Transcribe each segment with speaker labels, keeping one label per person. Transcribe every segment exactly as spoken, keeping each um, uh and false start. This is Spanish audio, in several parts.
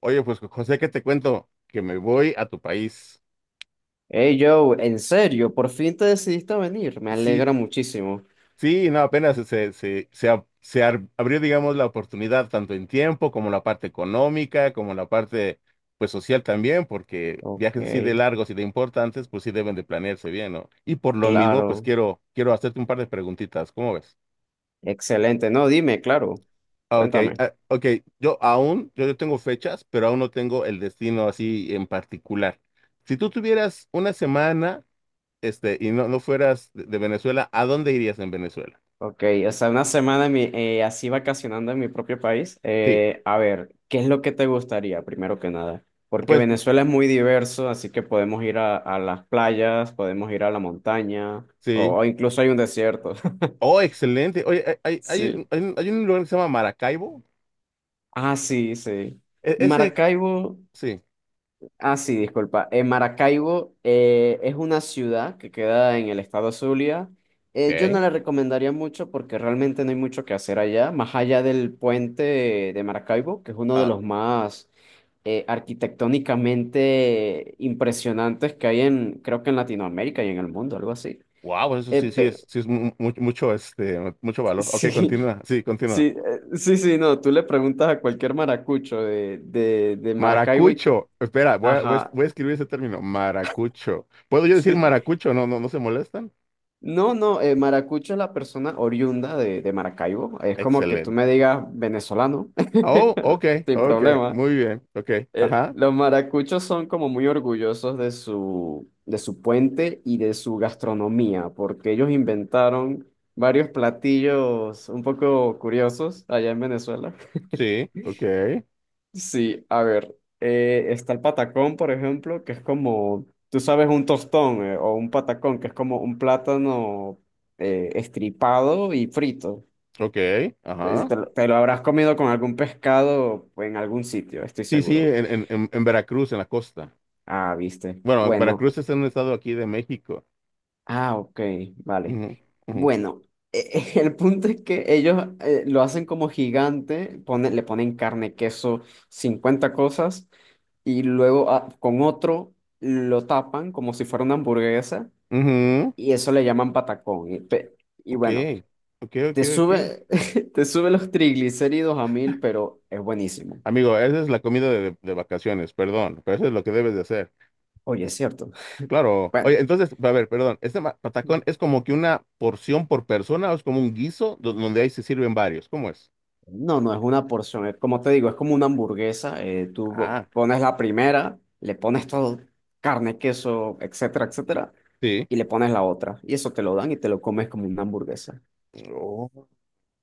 Speaker 1: Oye, pues José, ¿qué te cuento? Que me voy a tu país.
Speaker 2: Hey Joe, en serio, por fin te decidiste a venir, me
Speaker 1: Sí,
Speaker 2: alegra muchísimo.
Speaker 1: sí, no, apenas se, se, se, ab- se ar- abrió, digamos, la oportunidad tanto en tiempo como la parte económica, como la parte, pues, social también, porque
Speaker 2: Ok,
Speaker 1: viajes así de largos y de importantes, pues sí deben de planearse bien, ¿no? Y por lo mismo, pues
Speaker 2: claro,
Speaker 1: quiero, quiero hacerte un par de preguntitas, ¿cómo ves?
Speaker 2: excelente. No, dime, claro,
Speaker 1: Ah, ok,
Speaker 2: cuéntame.
Speaker 1: ah, ok. Yo aún, yo, yo tengo fechas, pero aún no tengo el destino así en particular. Si tú tuvieras una semana, este, y no, no fueras de de Venezuela, ¿a dónde irías en Venezuela?
Speaker 2: Ok, o sea, una semana en mi- eh, así vacacionando en mi propio país.
Speaker 1: Sí,
Speaker 2: Eh, a ver, ¿qué es lo que te gustaría, primero que nada? Porque
Speaker 1: pues
Speaker 2: Venezuela es muy diverso, así que podemos ir a, a las playas, podemos ir a la montaña, o,
Speaker 1: sí.
Speaker 2: o incluso hay un desierto.
Speaker 1: Oh, excelente. Oye, hay, hay, hay
Speaker 2: Sí.
Speaker 1: un, hay un- hay un lugar que se llama Maracaibo.
Speaker 2: Ah, sí, sí.
Speaker 1: E- ese,
Speaker 2: Maracaibo.
Speaker 1: sí.
Speaker 2: Ah, sí, disculpa. Eh, Maracaibo eh, es una ciudad que queda en el estado Zulia. Eh, yo no
Speaker 1: Ok.
Speaker 2: la recomendaría mucho porque realmente no hay mucho que hacer allá, más allá del puente de Maracaibo, que es uno de
Speaker 1: Ah,
Speaker 2: los más eh, arquitectónicamente impresionantes que hay en, creo que en Latinoamérica y en el mundo, algo así.
Speaker 1: wow, eso
Speaker 2: Eh,
Speaker 1: sí, sí
Speaker 2: pero,
Speaker 1: es, sí es mu- mu- mucho, este, mucho valor. Ok,
Speaker 2: sí,
Speaker 1: continúa. Sí,
Speaker 2: sí,
Speaker 1: continúa.
Speaker 2: eh, sí, sí, no, tú le preguntas a cualquier maracucho de, de, de Maracaibo y,
Speaker 1: Maracucho. Espera, voy a, voy a es-
Speaker 2: ajá.
Speaker 1: voy a escribir ese término. Maracucho. ¿Puedo yo decir
Speaker 2: Sí.
Speaker 1: maracucho? No, no, no se molestan.
Speaker 2: No, no, eh, maracucho es la persona oriunda de, de Maracaibo. Es como que tú me
Speaker 1: Excelente.
Speaker 2: digas venezolano,
Speaker 1: Oh, ok,
Speaker 2: sin
Speaker 1: ok.
Speaker 2: problema.
Speaker 1: Muy bien. Ok.
Speaker 2: Eh,
Speaker 1: Ajá.
Speaker 2: los maracuchos son como muy orgullosos de su, de su puente y de su gastronomía, porque ellos inventaron varios platillos un poco curiosos allá en Venezuela.
Speaker 1: Sí. Ok.
Speaker 2: Sí, a ver, eh, está el patacón, por ejemplo, que es como, tú sabes, un tostón eh, o un patacón, que es como un plátano eh, estripado y frito.
Speaker 1: Ok.
Speaker 2: Eh,
Speaker 1: Ajá.
Speaker 2: Te, lo te lo habrás comido con algún pescado o en algún sitio, estoy
Speaker 1: Sí, sí,
Speaker 2: seguro.
Speaker 1: en, en, en- en Veracruz, en la costa.
Speaker 2: Ah, viste.
Speaker 1: Bueno,
Speaker 2: Bueno,
Speaker 1: Veracruz es un estado aquí de México.
Speaker 2: ah, ok, vale.
Speaker 1: Ujú, ujú,
Speaker 2: Bueno, eh, el punto es que ellos eh, lo hacen como gigante, pone- le ponen carne, queso, cincuenta cosas. Y luego ah, con otro lo tapan como si fuera una hamburguesa
Speaker 1: ujú.
Speaker 2: y eso le llaman patacón. Y, pe- y
Speaker 1: Ok,
Speaker 2: bueno,
Speaker 1: ok, ok,
Speaker 2: te
Speaker 1: ok.
Speaker 2: sube, te sube los triglicéridos a mil, pero es buenísimo.
Speaker 1: Amigo, esa es la comida de, de vacaciones, perdón, pero eso es lo que debes de hacer.
Speaker 2: Oye, es cierto.
Speaker 1: Claro.
Speaker 2: Bueno,
Speaker 1: Oye, entonces, a ver, perdón, ¿este ma- patacón es como que una porción por persona o es como un guiso do- donde ahí se sirven varios? ¿Cómo es?
Speaker 2: no, no es una porción, es como te digo, es como una hamburguesa. eh, tú
Speaker 1: Ah,
Speaker 2: pones la primera, le pones todo, carne, queso, etcétera, etcétera,
Speaker 1: sí.
Speaker 2: y le pones la otra. Y eso te lo dan y te lo comes como una hamburguesa.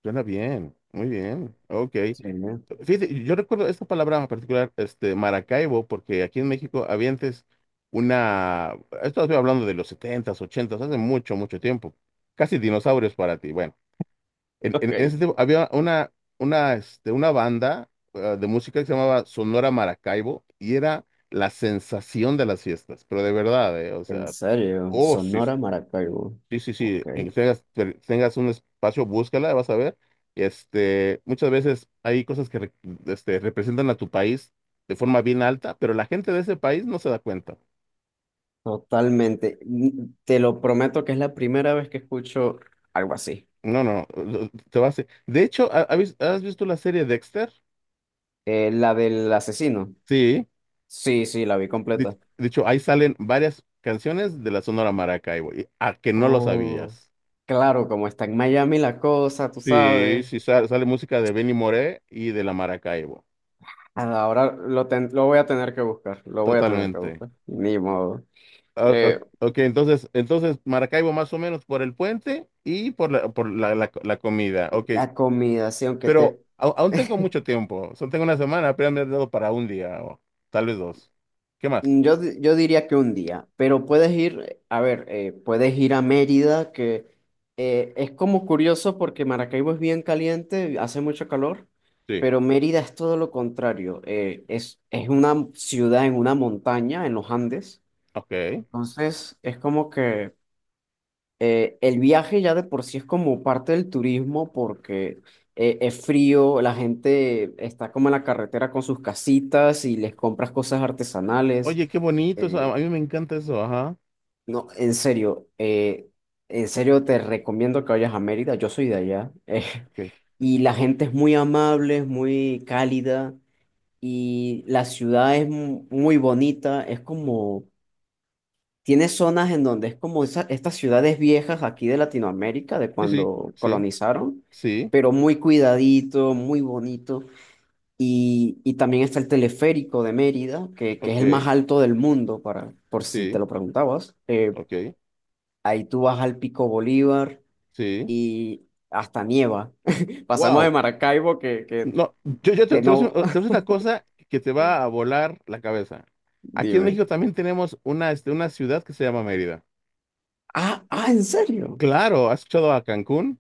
Speaker 1: Suena bien, muy bien, ok.
Speaker 2: Sí, ¿no?
Speaker 1: Fíjate, yo recuerdo esta palabra en particular, este, Maracaibo, porque aquí en México había antes una... Esto, estoy hablando de los setentas, ochentas, hace mucho, mucho tiempo, casi dinosaurios para ti. Bueno, en,
Speaker 2: Ok.
Speaker 1: en- en ese tiempo había una, una, este, una banda eh, de música que se llamaba Sonora Maracaibo y era la sensación de las fiestas, pero de verdad, eh, o
Speaker 2: En
Speaker 1: sea.
Speaker 2: serio,
Speaker 1: Oh, sí.
Speaker 2: Sonora Maracaibo.
Speaker 1: Sí, sí,
Speaker 2: Ok,
Speaker 1: sí, en que tengas, te- tengas un espacio, búscala, vas a ver. Este, muchas veces hay cosas que re- este, representan a tu país de forma bien alta, pero la gente de ese país no se da cuenta.
Speaker 2: totalmente. N- Te lo prometo que es la primera vez que escucho algo así.
Speaker 1: No, no, no, te va a hacer- de hecho, ¿ha- ha ¿has visto la serie Dexter?
Speaker 2: Eh, la del asesino.
Speaker 1: Sí,
Speaker 2: Sí, sí, la vi
Speaker 1: de,
Speaker 2: completa.
Speaker 1: de hecho, ahí salen varias canciones de la Sonora Maracaibo, y- a que no lo
Speaker 2: Oh.
Speaker 1: sabías.
Speaker 2: Claro, como está en Miami la cosa, tú
Speaker 1: Sí,
Speaker 2: sabes.
Speaker 1: sí, sa- sale música de Benny Moré y de la Maracaibo,
Speaker 2: Ah, Ahora lo, ten- lo voy a tener que buscar, lo voy a tener que
Speaker 1: totalmente.
Speaker 2: buscar. Ni modo.
Speaker 1: Ah, ah,
Speaker 2: Eh,
Speaker 1: ok, entonces, entonces Maracaibo más o menos por el puente y por la, por la, la- la comida. Ok,
Speaker 2: la comida, sí, aunque
Speaker 1: pero
Speaker 2: te,
Speaker 1: au- aún tengo mucho tiempo. Solo tengo una semana, apenas me has dado para un día o tal vez dos. ¿Qué más?
Speaker 2: Mm, Yo, di- yo diría que un día, pero puedes ir, a ver, eh, puedes ir a Mérida, que eh, es como curioso porque Maracaibo es bien caliente, hace mucho calor,
Speaker 1: Sí.
Speaker 2: pero Mérida es todo lo contrario, eh, es, es una ciudad en una montaña, en los Andes,
Speaker 1: Ok.
Speaker 2: entonces es como que eh, el viaje ya de por sí es como parte del turismo porque eh, es frío, la gente está como en la carretera con sus casitas y les compras cosas artesanales.
Speaker 1: Oye, qué bonito eso.
Speaker 2: eh,
Speaker 1: A a mí me encanta eso. Ajá.
Speaker 2: No, en serio, eh, en serio te recomiendo que vayas a Mérida, yo soy de allá, eh,
Speaker 1: Ok,
Speaker 2: y la gente es muy amable, es muy cálida, y la ciudad es mu- muy bonita, es como, tiene zonas en donde es como esa- estas ciudades viejas aquí de Latinoamérica, de
Speaker 1: sí, sí,
Speaker 2: cuando
Speaker 1: sí,
Speaker 2: colonizaron,
Speaker 1: sí.
Speaker 2: pero muy cuidadito, muy bonito, y, y también está el teleférico de Mérida, que, que es
Speaker 1: Ok,
Speaker 2: el más alto del mundo, para, por si te
Speaker 1: sí,
Speaker 2: lo preguntabas. eh,
Speaker 1: ok,
Speaker 2: Ahí tú vas al Pico Bolívar
Speaker 1: sí.
Speaker 2: y hasta nieva. Pasamos de
Speaker 1: Wow.
Speaker 2: Maracaibo que, que,
Speaker 1: No, yo, yo te,
Speaker 2: que
Speaker 1: te voy a decir te
Speaker 2: no.
Speaker 1: voy a decir una cosa que te va a volar la cabeza. Aquí en
Speaker 2: Dime.
Speaker 1: México también tenemos una, este, una ciudad que se llama Mérida.
Speaker 2: Ah, ah, ¿en serio?
Speaker 1: Claro, ¿has escuchado a Cancún?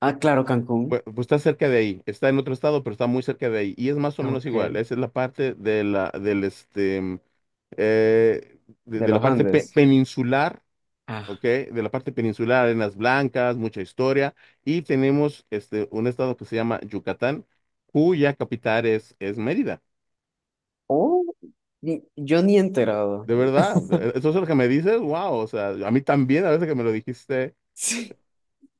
Speaker 2: Ah, claro, Cancún.
Speaker 1: Bue- Pues, está cerca de ahí, está en otro estado, pero está muy cerca de ahí y es más o menos
Speaker 2: Ok,
Speaker 1: igual. Esa es la parte de la, del, este, eh, de,
Speaker 2: de
Speaker 1: de la
Speaker 2: los
Speaker 1: parte pe-
Speaker 2: Andes.
Speaker 1: peninsular,
Speaker 2: Ah,
Speaker 1: ¿ok? De la parte peninsular, arenas blancas, mucha historia. Y tenemos, este, un estado que se llama Yucatán, cuya capital es, es Mérida.
Speaker 2: oh, ni- yo ni he enterado.
Speaker 1: De verdad, e- eso es lo que me dices, wow, o sea, a mí también, a veces que me lo dijiste.
Speaker 2: Sí,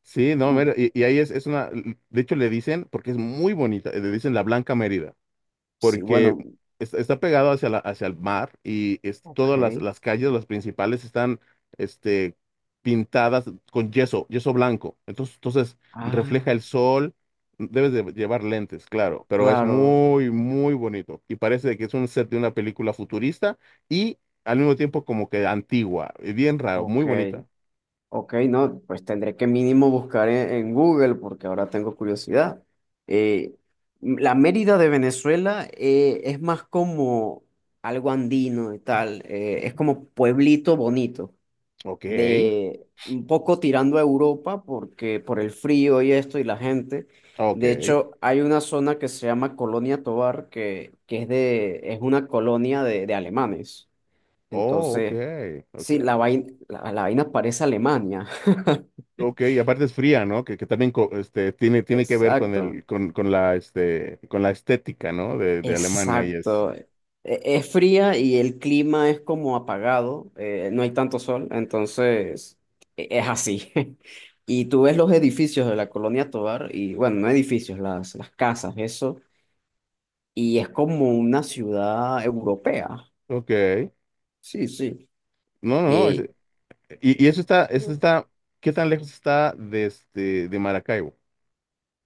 Speaker 1: Sí, no,
Speaker 2: Mm,
Speaker 1: mira, y, y ahí es, es una, de hecho le dicen, porque es muy bonita, le dicen la Blanca Mérida,
Speaker 2: sí,
Speaker 1: porque
Speaker 2: bueno,
Speaker 1: es- está pegado hacia la- hacia el mar, y es,
Speaker 2: ok.
Speaker 1: todas las, las calles, las principales, están, este, pintadas con yeso, yeso blanco. Entonces, entonces
Speaker 2: Ah,
Speaker 1: refleja el sol. Debes de llevar lentes, claro, pero es
Speaker 2: claro,
Speaker 1: muy, muy bonito. Y parece que es un set de una película futurista y al mismo tiempo como que antigua, y bien raro, muy
Speaker 2: ok.
Speaker 1: bonita.
Speaker 2: Ok, no, pues tendré que mínimo buscar en, en Google porque ahora tengo curiosidad. Eh, la Mérida de Venezuela eh, es más como algo andino y tal, eh, es como pueblito bonito,
Speaker 1: Ok,
Speaker 2: de un poco tirando a Europa porque por el frío y esto y la gente.
Speaker 1: ok,
Speaker 2: De hecho, hay una zona que se llama Colonia Tovar que, que es de, es una colonia de, de alemanes.
Speaker 1: oh, ok,
Speaker 2: Entonces,
Speaker 1: ok.
Speaker 2: sí, la vaina, la, la vaina parece Alemania.
Speaker 1: Ok, y aparte es fría, ¿no? Que, que también co- este, tiene, tiene que ver con
Speaker 2: Exacto,
Speaker 1: el, con, con la, este, con la estética, ¿no? De, de Alemania y eso.
Speaker 2: exacto. E- Es fría y el clima es como apagado, eh, no hay tanto sol, entonces e- es así. Y tú ves los edificios de la Colonia Tovar, y bueno, no edificios, las, las casas, eso, y es como una ciudad europea.
Speaker 1: Ok.
Speaker 2: Sí, sí.
Speaker 1: No, no, no.
Speaker 2: Y
Speaker 1: ese- y, y eso está, eso está, ¿Qué tan lejos está de, este, de Maracaibo?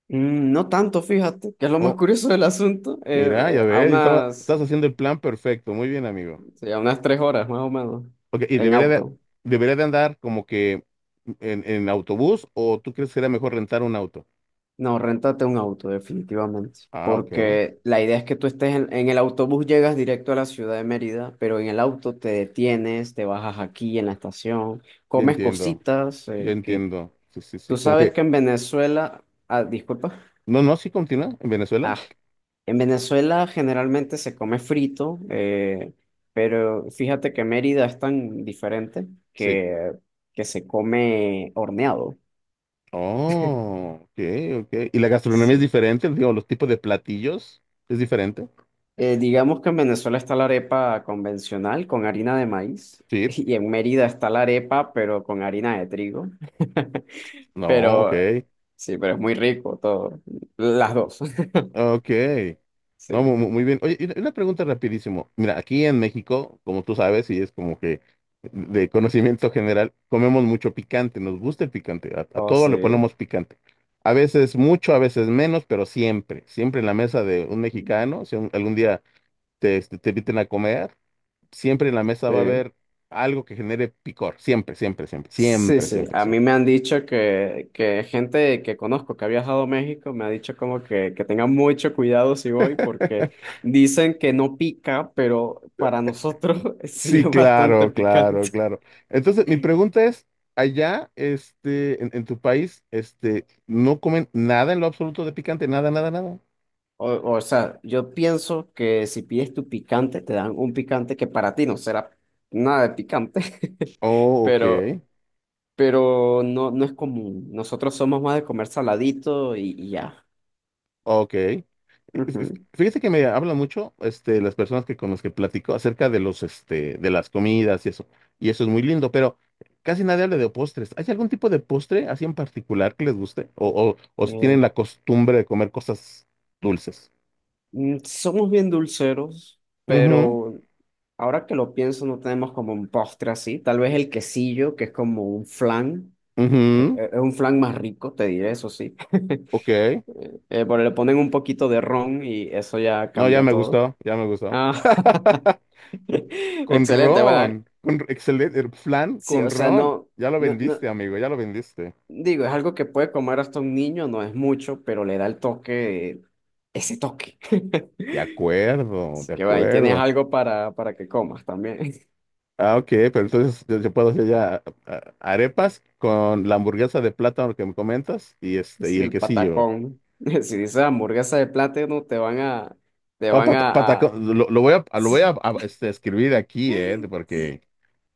Speaker 2: mm, no tanto, fíjate, que es lo más
Speaker 1: Oh,
Speaker 2: curioso del asunto,
Speaker 1: mira,
Speaker 2: eh,
Speaker 1: ya
Speaker 2: eh, a
Speaker 1: ves, estaba-
Speaker 2: unas
Speaker 1: estás haciendo el plan perfecto. Muy bien, amigo.
Speaker 2: sí, a unas tres horas más o menos
Speaker 1: Ok, y
Speaker 2: en
Speaker 1: debería de,
Speaker 2: auto.
Speaker 1: debería de andar como que en, en autobús, ¿o tú crees que sería mejor rentar un auto?
Speaker 2: No, réntate un auto, definitivamente.
Speaker 1: Ah, ok.
Speaker 2: Porque la idea es que tú estés en, en el autobús, llegas directo a la ciudad de Mérida, pero en el auto te detienes, te bajas aquí en la estación,
Speaker 1: Ya
Speaker 2: comes
Speaker 1: entiendo,
Speaker 2: cositas,
Speaker 1: ya
Speaker 2: eh, que
Speaker 1: entiendo. Sí, sí,
Speaker 2: tú
Speaker 1: sí. Como
Speaker 2: sabes que
Speaker 1: que,
Speaker 2: en Venezuela, ah, disculpa,
Speaker 1: no, no, sí continúa en Venezuela.
Speaker 2: ah, en Venezuela generalmente se come frito, eh, pero fíjate que Mérida es tan diferente
Speaker 1: Sí.
Speaker 2: que, que se come horneado.
Speaker 1: Oh, ok, ok. ¿Y la gastronomía es diferente? Digo, los tipos de platillos es diferente.
Speaker 2: Eh, digamos que en Venezuela está la arepa convencional con harina de maíz
Speaker 1: Sí.
Speaker 2: y en Mérida está la arepa pero con harina de trigo.
Speaker 1: No, ok.
Speaker 2: Pero sí, pero es muy rico todo, las dos.
Speaker 1: Ok. No, mu-
Speaker 2: Sí.
Speaker 1: mu- muy bien. Oye, y una una pregunta rapidísimo. Mira, aquí en México, como tú sabes, y es como que de conocimiento general, comemos mucho picante, nos gusta el picante, a, a
Speaker 2: Oh,
Speaker 1: todo le
Speaker 2: sí,
Speaker 1: ponemos picante. A veces mucho, a veces menos, pero siempre, siempre en la mesa de un mexicano, si un- algún día te, este, te inviten a comer. Siempre en la mesa va a
Speaker 2: sí.
Speaker 1: haber algo que genere picor. Siempre, siempre, siempre,
Speaker 2: Sí,
Speaker 1: siempre,
Speaker 2: sí.
Speaker 1: siempre,
Speaker 2: A mí
Speaker 1: siempre.
Speaker 2: me han dicho que, que gente que conozco que ha viajado a México me ha dicho como que, que tenga mucho cuidado si voy porque dicen que no pica, pero para nosotros sí
Speaker 1: Sí,
Speaker 2: es bastante
Speaker 1: claro,
Speaker 2: picante.
Speaker 1: claro, claro. Entonces, mi pregunta es, allá, este, en, en tu país, este, ¿no comen nada en lo absoluto de picante? Nada, nada, nada.
Speaker 2: O, o sea, yo pienso que si pides tu picante, te dan un picante que para ti no será nada de picante,
Speaker 1: Oh,
Speaker 2: pero,
Speaker 1: ok.
Speaker 2: pero no, no es común. Nosotros somos más de comer saladito y, y ya.
Speaker 1: Ok. Fí-
Speaker 2: Ujú.
Speaker 1: Fíjate que me hablan mucho, este, las personas que con las que platico acerca de los, este, de las comidas y eso. Y eso es muy lindo, pero casi nadie habla de postres. ¿Hay algún tipo de postre así en particular que les guste? O, o, o si
Speaker 2: Eh,
Speaker 1: tienen la costumbre de comer cosas dulces.
Speaker 2: mm, somos bien dulceros,
Speaker 1: Mhm.
Speaker 2: pero ahora que lo pienso, no tenemos como un postre así. Tal vez el quesillo, que es como un flan. Eh,
Speaker 1: Mhm.
Speaker 2: Es un flan más rico, te diré, eso sí.
Speaker 1: Ok.
Speaker 2: Eh, pero le ponen un poquito de ron y eso ya
Speaker 1: No, ya
Speaker 2: cambia
Speaker 1: me
Speaker 2: todo.
Speaker 1: gustó, ya me gustó.
Speaker 2: Ah,
Speaker 1: Con
Speaker 2: excelente. Bueno, eh,
Speaker 1: ron, con excelente, el flan
Speaker 2: sí, o
Speaker 1: con
Speaker 2: sea,
Speaker 1: ron.
Speaker 2: no,
Speaker 1: Ya lo
Speaker 2: no, no,
Speaker 1: vendiste, amigo, ya lo vendiste.
Speaker 2: digo, es algo que puede comer hasta un niño, no es mucho, pero le da el toque, ese toque.
Speaker 1: De acuerdo,
Speaker 2: Así
Speaker 1: de
Speaker 2: que bueno, ahí tienes
Speaker 1: acuerdo.
Speaker 2: algo para, para que comas también.
Speaker 1: Ah, ok, pero entonces yo, yo puedo hacer ya, ah, arepas con la hamburguesa de plátano que me comentas y este y
Speaker 2: Sí,
Speaker 1: el
Speaker 2: el
Speaker 1: quesillo.
Speaker 2: patacón. Si dices hamburguesa de plátano, te van a, te
Speaker 1: Oh,
Speaker 2: van
Speaker 1: pata-
Speaker 2: a, a-
Speaker 1: patacón, lo, lo voy a, ah, lo voy a,
Speaker 2: sí,
Speaker 1: a, este, escribir aquí, eh, porque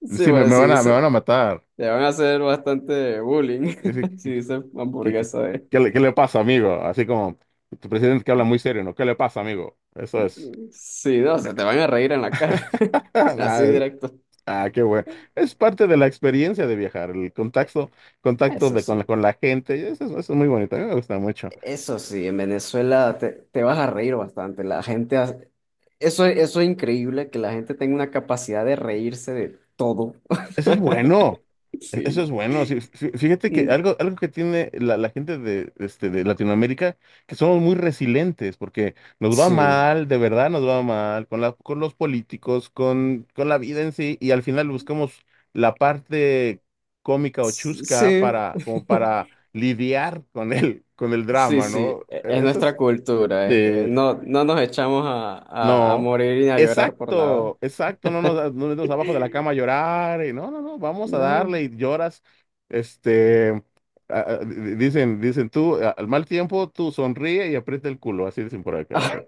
Speaker 2: sí,
Speaker 1: sí, me,
Speaker 2: bueno,
Speaker 1: me
Speaker 2: si
Speaker 1: van a, me
Speaker 2: dices,
Speaker 1: van a matar.
Speaker 2: te van a hacer bastante bullying.
Speaker 1: Es que-
Speaker 2: Si
Speaker 1: que-
Speaker 2: dices
Speaker 1: que- que-
Speaker 2: hamburguesa de,
Speaker 1: ¿Qué, le, qué le pasa, amigo? Así como tu presidente que habla muy serio, ¿no? ¿Qué le pasa, amigo? Eso es.
Speaker 2: sí, no, se te van a reír en la cara.
Speaker 1: Ah,
Speaker 2: Así
Speaker 1: es-
Speaker 2: directo.
Speaker 1: ah, qué bueno. Es parte de la experiencia de viajar, el contacto, contacto
Speaker 2: Eso
Speaker 1: de, con, la-
Speaker 2: sí.
Speaker 1: con la gente. Eso es, eso es muy bonito, a mí me gusta mucho.
Speaker 2: Eso sí, en Venezuela te, te vas a reír bastante. La gente, hace- eso, eso es increíble, que la gente tenga una capacidad de reírse de todo.
Speaker 1: Eso es bueno. e- Eso
Speaker 2: Sí.
Speaker 1: es bueno. Sí, fí- fíjate que
Speaker 2: Mm.
Speaker 1: algo, algo que tiene la, la gente de, este, de Latinoamérica, que somos muy resilientes, porque nos va
Speaker 2: Sí,
Speaker 1: mal, de verdad nos va mal, con la, con los políticos, con, con la vida en sí, y al final buscamos la parte cómica o chusca
Speaker 2: sí,
Speaker 1: para, como para lidiar con el, con el
Speaker 2: sí,
Speaker 1: drama, ¿no?
Speaker 2: sí, e-
Speaker 1: E-
Speaker 2: es
Speaker 1: Eso
Speaker 2: nuestra
Speaker 1: es,
Speaker 2: cultura. Es que
Speaker 1: eh,
Speaker 2: no, no nos echamos a, a, a
Speaker 1: no,
Speaker 2: morir ni a llorar por nada.
Speaker 1: exacto, exacto, no nos, da- no nos abajo de la cama a llorar, y no, no, no, vamos a
Speaker 2: No.
Speaker 1: darle y lloras, este, a- a- di- dicen, dicen tú, a- al mal tiempo, tú sonríe y aprieta el culo, así dicen por acá, sí.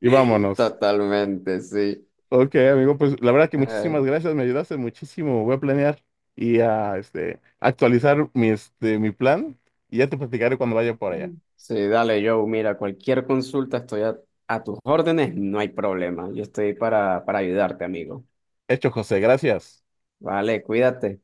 Speaker 1: Y vámonos.
Speaker 2: Totalmente, sí.
Speaker 1: Ok, amigo, pues la verdad que muchísimas gracias, me ayudaste muchísimo, voy a planear y a, este, actualizar mi, este, mi plan, y ya te platicaré cuando vaya por
Speaker 2: Mm.
Speaker 1: allá.
Speaker 2: Sí, dale, Joe, mira, cualquier consulta estoy a, a tus órdenes, no hay problema. Yo estoy para, para ayudarte, amigo.
Speaker 1: Hecho, José, gracias.
Speaker 2: Vale, cuídate.